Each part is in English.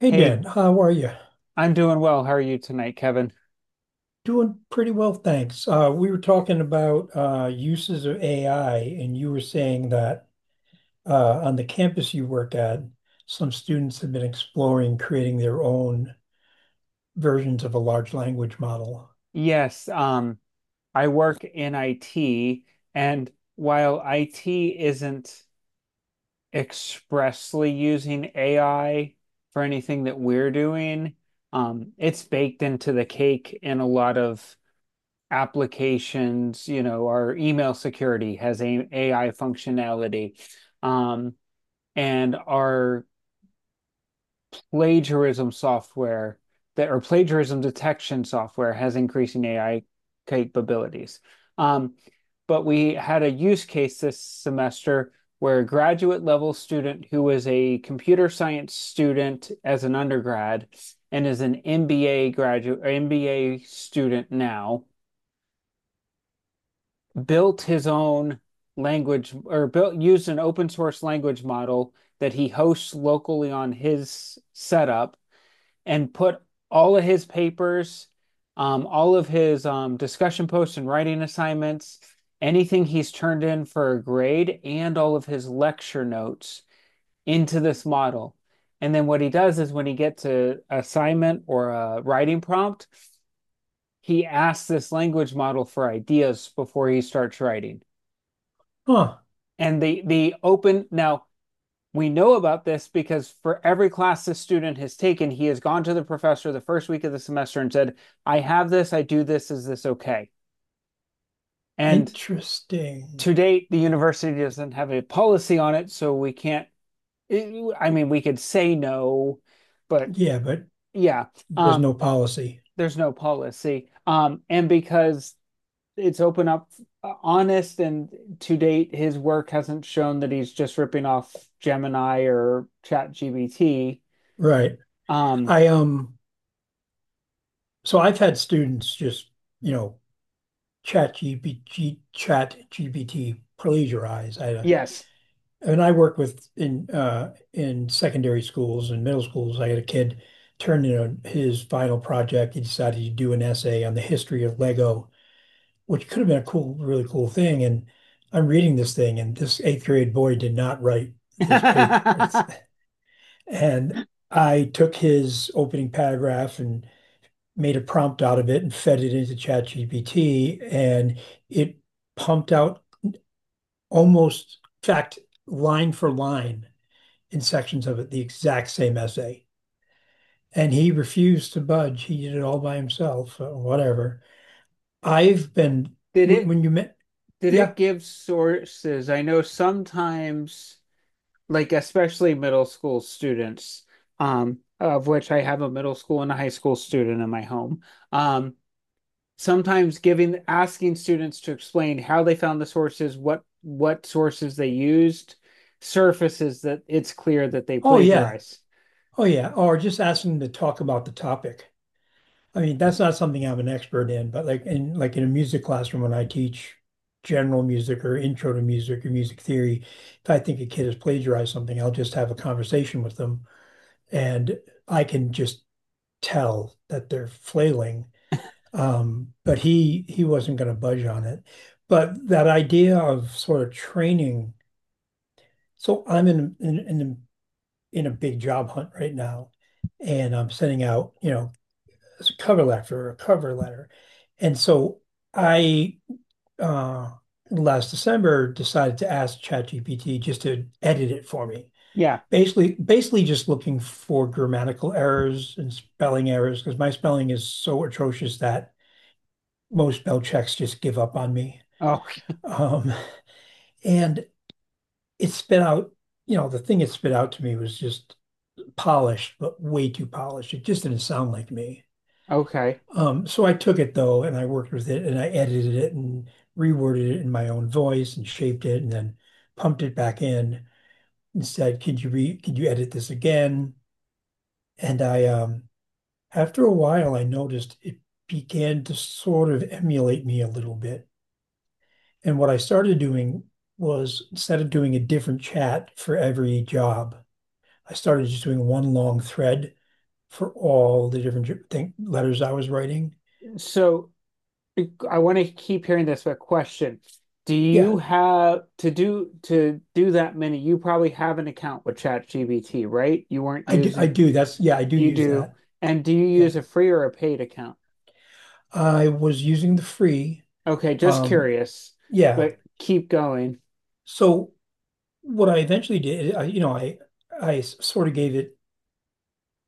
Hey, Hey, Dan, how are you? I'm doing well. How are you tonight, Kevin? Doing pretty well, thanks. We were talking about uses of AI, and you were saying that on the campus you work at, some students have been exploring creating their own versions of a large language model. Yes, um, I work in IT, and while IT isn't expressly using AI for anything that we're doing. It's baked into the cake in a lot of applications. You know, our email security has a AI functionality, um, and our plagiarism software that or plagiarism detection software has increasing AI capabilities. Um, but we had a use case this semester where a graduate level student who was a computer science student as an undergrad and is an MBA graduate or MBA student now built his own language or built used an open source language model that he hosts locally on his setup and put all of his papers, all of his discussion posts and writing assignments, anything he's turned in for a grade, and all of his lecture notes into this model. And then what he does is when he gets an assignment or a writing prompt, he asks this language model for ideas before he starts writing. Huh, And the open now We know about this because for every class this student has taken, he has gone to the professor the first week of the semester and said, I have this, I do this, is this okay? And interesting. to date, the university doesn't have a policy on it, so we can't, I mean, we could say no, but Yeah, but yeah, there's um, no policy. there's no policy. And because it's open up honest and to date his work hasn't shown that he's just ripping off gemini or ChatGPT. Right. um, I So I've had students just, you know, chat GPT plagiarize. I Yes. And I work with in secondary schools and middle schools. I had a kid turn in his final project. He decided to do an essay on the history of Lego, which could have been a cool, really cool thing. And I'm reading this thing, and this eighth grade boy did not write Did this paper. And I took his opening paragraph and made a prompt out of it and fed it into ChatGPT, and it pumped out almost, in fact, line for line in sections of it the exact same essay. And he refused to budge. He did it all by himself, or whatever. I've been, it when you met, did Yeah, it give sources? I know sometimes, like especially middle school students, of which I have a middle school and a high school student in my home. Um, Sometimes giving asking students to explain how they found the sources, what sources they used, surfaces that it's clear that they oh, yeah, plagiarize. oh, yeah, or just asking him to talk about the topic. I mean, that's not something I'm an expert in, but like in a music classroom when I teach general music or intro to music or music theory, if I think a kid has plagiarized something, I'll just have a conversation with them and I can just tell that they're flailing. But he wasn't going to budge on it. But that idea of sort of training. So I'm in a big job hunt right now, and I'm sending out, you know, a cover letter. And so I uh last December decided to ask ChatGPT just to edit it for me. Yeah. Basically just looking for grammatical errors and spelling errors because my spelling is so atrocious that most spell checks just give up on me. Oh, Um, and it spit out, you know, the thing it spit out to me was just polished, but way too polished. It just didn't sound like me. okay. So I took it though, and I worked with it, and I edited it and reworded it in my own voice and shaped it, and then pumped it back in and said, "Could you re? Could you edit this again?" And I, after a while, I noticed it began to sort of emulate me a little bit. And what I started doing was instead of doing a different chat for every job, I started just doing one long thread for all the letters I was writing. So I want to keep hearing this, but question. Do Yeah, you have to do that many? You probably have an account with ChatGPT, right? You weren't I do. I using, do. That's yeah, I do you use do. that. And do you Yeah, use a free or a paid account? I was using the free. Okay, just Um, curious, yeah. but keep going. So what I eventually did, I, you know, I s- sort of gave it,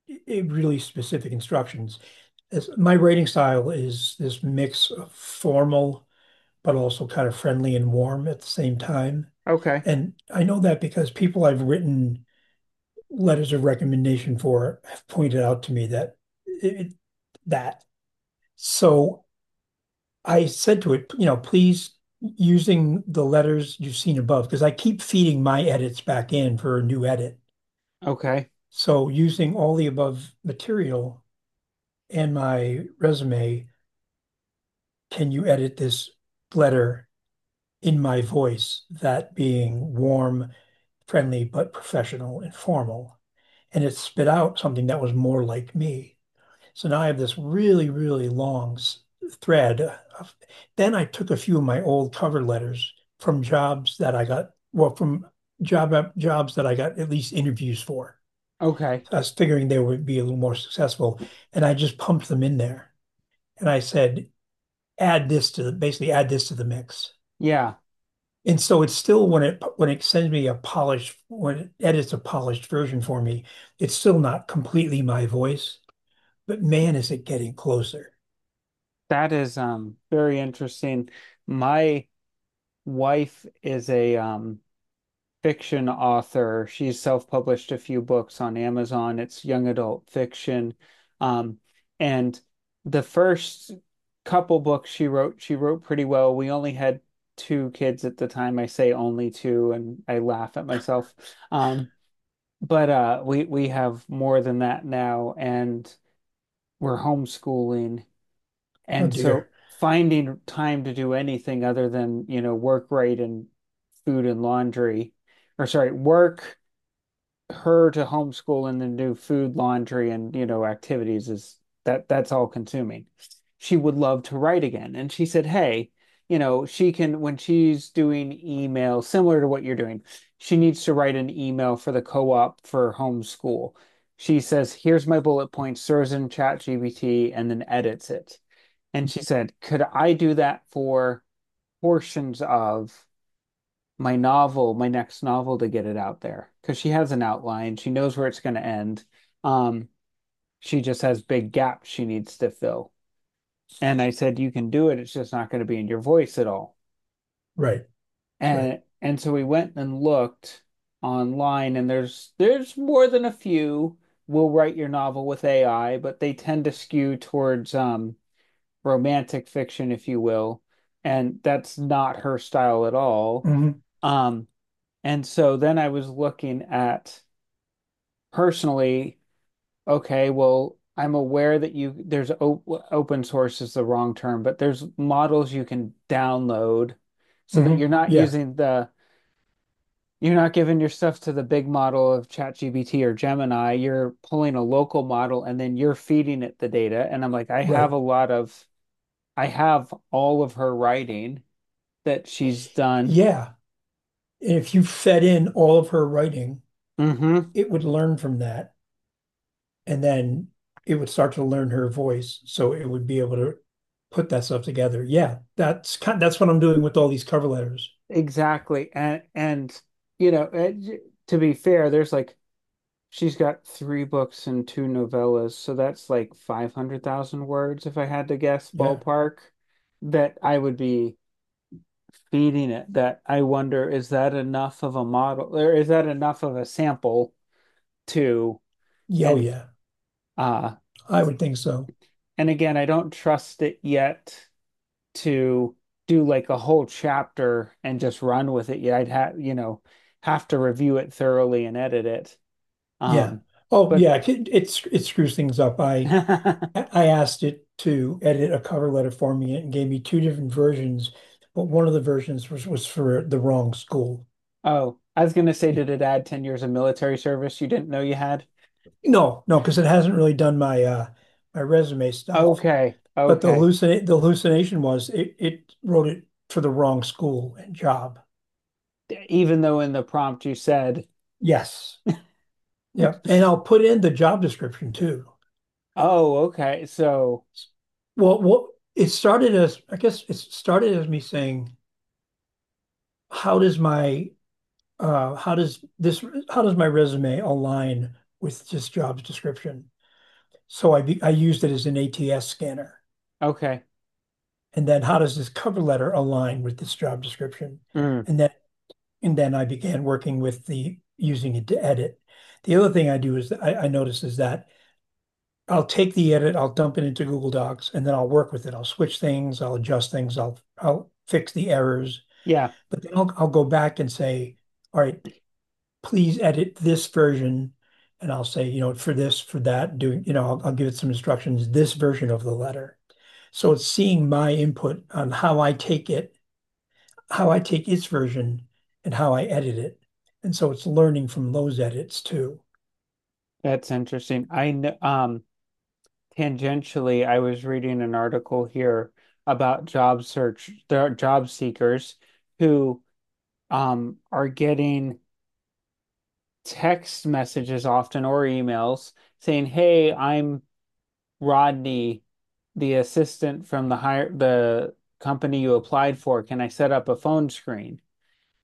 it really specific instructions. As my writing style is this mix of formal but also kind of friendly and warm at the same time. Okay. And I know that because people I've written letters of recommendation for have pointed out to me that it, that. So I said to it, you know, please using the letters you've seen above, because I keep feeding my edits back in for a new edit. Okay. So using all the above material and my resume, can you edit this letter in my voice? That being warm, friendly, but professional and formal. And it spit out something that was more like me. So now I have this really, really long s- thread. Of- Then I took a few of my old cover letters from jobs that I got, well, from jobs that I got at least interviews for. Okay. So I was figuring they would be a little more successful, and I just pumped them in there. And I said, add this to the, basically add this to the mix. Yeah, And so it's still when it sends me a polished when it edits a polished version for me, it's still not completely my voice, but man, is it getting closer. that is very interesting. My wife is a fiction author. She's self-published a few books on Amazon. It's young adult fiction. Um, and the first couple books she wrote pretty well. We only had two kids at the time. I say only two, and I laugh at myself. Um, but we have more than that now, and we're homeschooling, Oh and so dear. finding time to do anything other than, you know, work, right, and food and laundry, or sorry, work, her to homeschool and then do food, laundry, and you know, activities is that's all consuming. She would love to write again. And she said, hey, you know, she can when she's doing email similar to what you're doing, she needs to write an email for the co-op for homeschool. She says, here's my bullet points, throws in ChatGPT and then edits it. And she said, could I do that for portions of my novel, my next novel to get it out there because she has an outline. She knows where it's going to end. Um, she just has big gaps she needs to fill. And I said, you can do it. It's just not going to be in your voice at all. Right. Right. And so we went and looked online, and there's more than a few will write your novel with AI, but they tend to skew towards romantic fiction, if you will. And that's not her style at all. Hmm. Um, And so then I was looking at personally, okay, well, I'm aware that you there's op open source is the wrong term, but there's models you can download so that Hmm. you're not Yeah. using the You're not giving your stuff to the big model of ChatGPT or Gemini. You're pulling a local model and then you're feeding it the data. And I'm like, I have Right. a lot of I have all of her writing that she's done. Yeah. If you fed in all of her writing, hmm it would learn from that, and then it would start to learn her voice, so it would be able to put that stuff together. Yeah, that's kind. That's what I'm doing with all these cover letters. Exactly. And you know, to be fair, there's like she's got three books and two novellas, so that's like 500,000 words if I had to guess Yeah. ballpark that I would be feeding it. That I wonder is that enough of a model or is that enough of a sample to Yeah, oh, and yeah. uh I would think so. and again, I don't trust it yet to do like a whole chapter and just run with it yet. I'd have, you know, have to review it thoroughly and edit it. Yeah. Um, Oh, but yeah. It screws things up. I asked it to edit a cover letter for me, and gave me two different versions, but one of the versions was for the wrong school. oh, I was gonna say, It did it add 10 years of military service you didn't know you had? No, no, because it hasn't really done my resume stuff. Okay, But the okay. hallucinate the hallucination was it wrote it for the wrong school and job. D- Even though in the prompt you said, Yes. Yeah, and I'll put in the job description too. oh, okay, so Well, what it started as I guess it started as me saying, how does my uh how does this how does my resume align with this job's description? So I used it as an ATS scanner. okay. And then how does this cover letter align with this job description? Mm, And then And then I began working with the using it to edit. The other thing I do is I notice is that I'll take the edit, I'll dump it into Google Docs, and then I'll work with it. I'll switch things, I'll adjust things, I'll fix the errors, yeah, but then I'll go back and say, all right, please edit this version. And I'll say, you know, for this, for that, doing, you know, I'll give it some instructions, this version of the letter. So it's seeing my input on how I take its version and how I edit it. And so it's learning from those edits too. that's interesting. I know, tangentially, I was reading an article here about job search, there are job seekers who are getting text messages often or emails saying, "Hey, I'm Rodney, the assistant from the company you applied for, can I set up a phone screen?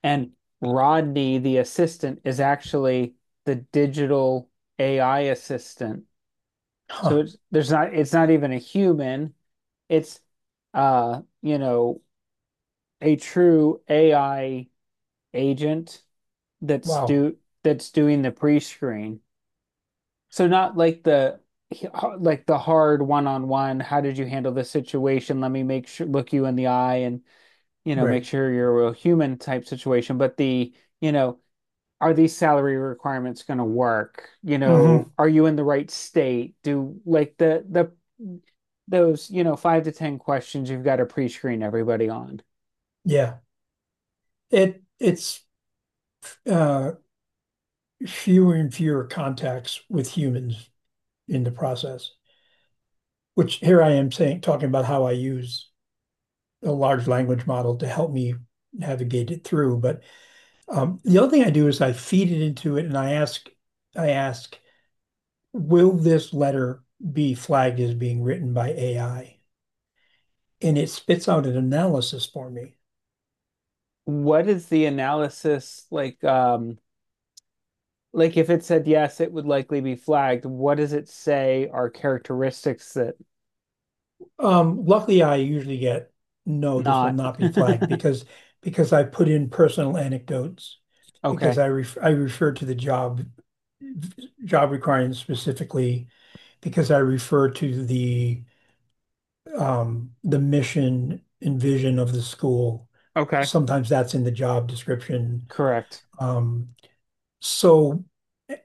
And Rodney, the assistant, is actually the digital AI assistant. So Huh. It's not even a human. It's you know, a true AI agent that's Wow. do that's doing the pre-screen. So not like the like the hard one-on-one, how did you handle this situation? Let me make sure look you in the eye and, you know, make Right. sure you're a real human type situation, but the, you know, are these salary requirements going to work? You know, Mm-hmm. are you in the right state? Do like the those, you know, five to ten questions you've got to pre-screen everybody on. Yeah. It it's uh Fewer and fewer contacts with humans in the process, which here I am saying talking about how I use a large language model to help me navigate it through. But the other thing I do is I feed it into it and I ask, will this letter be flagged as being written by AI? And it spits out an analysis for me. What is the analysis like if it said yes, it would likely be flagged. What does it say are characteristics that Luckily, I usually get no, this will not? not be flagged because I put in personal anecdotes because Okay. I refer to the job requirements specifically because I refer to the mission and vision of the school. Okay. Sometimes that's in the job description. Correct. Um, So,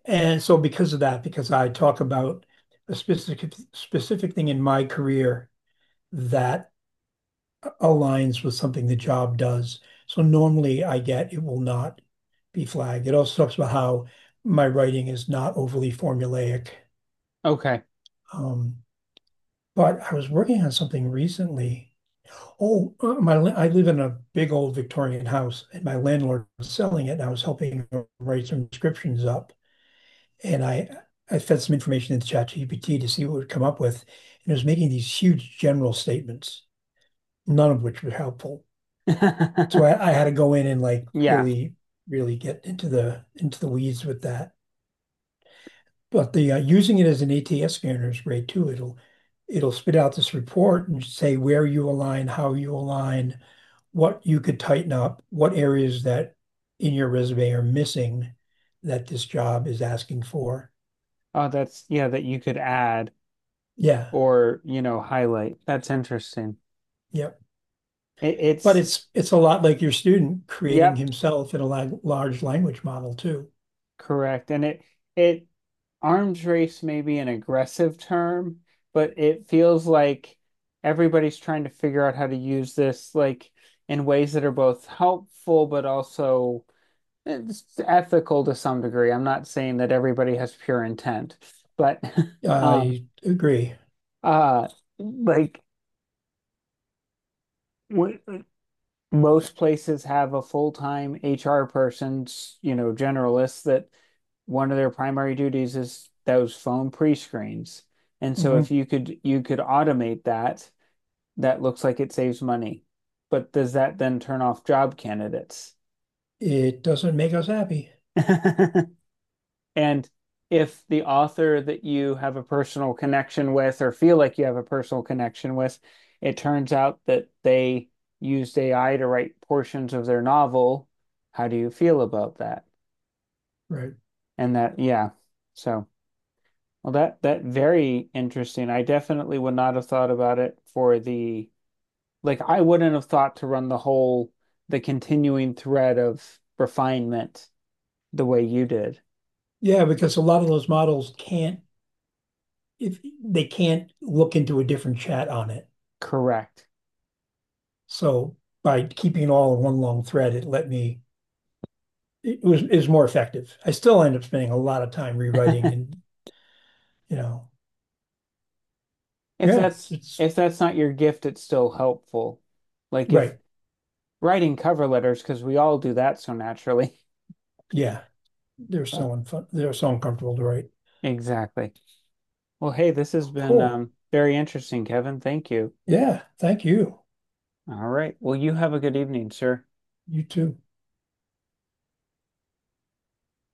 and so because of that, because I talk about a specific thing in my career that aligns with something the job does. So normally I get it will not be flagged. It also talks about how my writing is not overly formulaic. Okay. Um, but I was working on something recently. I live in a big old Victorian house, and my landlord was selling it, and I was helping him write some descriptions up. And I fed some information into ChatGPT to see what it would come up with, and it was making these huge general statements, none of which were helpful. So I had to go in and like Yeah. really, really get into the weeds with that. But the using it as an ATS scanner is great too. It'll spit out this report and say where you align, how you align, what you could tighten up, what areas that in your resume are missing that this job is asking for. Oh, that's yeah, that you could add Yeah. or, you know, highlight. That's interesting. Yep. It, But it's it's a lot like your student creating yep, himself in a la large language model too. correct. And it arms race may be an aggressive term, but it feels like everybody's trying to figure out how to use this like in ways that are both helpful but also it's ethical to some degree. I'm not saying that everybody has pure intent, but um I agree. uh like w most places have a full-time HR person, you know, generalist that one of their primary duties is those phone pre-screens. And so if Mhm. you could you could automate that, that looks like it saves money. But does that then turn off job candidates? It doesn't make us happy. And if the author that you have a personal connection with or feel like you have a personal connection with, it turns out that they used AI to write portions of their novel, how do you feel about that? Right. And that, yeah. So, well, that that very interesting. I definitely would not have thought about it for the like I wouldn't have thought to run the whole the continuing thread of refinement the way you did. Yeah, because a lot of those models can't if they can't look into a different chat on it. Correct. So by keeping it all in one long thread, it let me it was is more effective. I still end up spending a lot of time rewriting and you know, If yeah, that's it's if that's not your gift, it's still helpful. Like if right. writing cover letters, because we all do that so naturally. Yeah. They're so uncomfortable to write. Exactly. Well, hey, this has been Cool. Very interesting, Kevin. Thank you. Yeah, thank you. All right. Well, you have a good evening, sir. You too.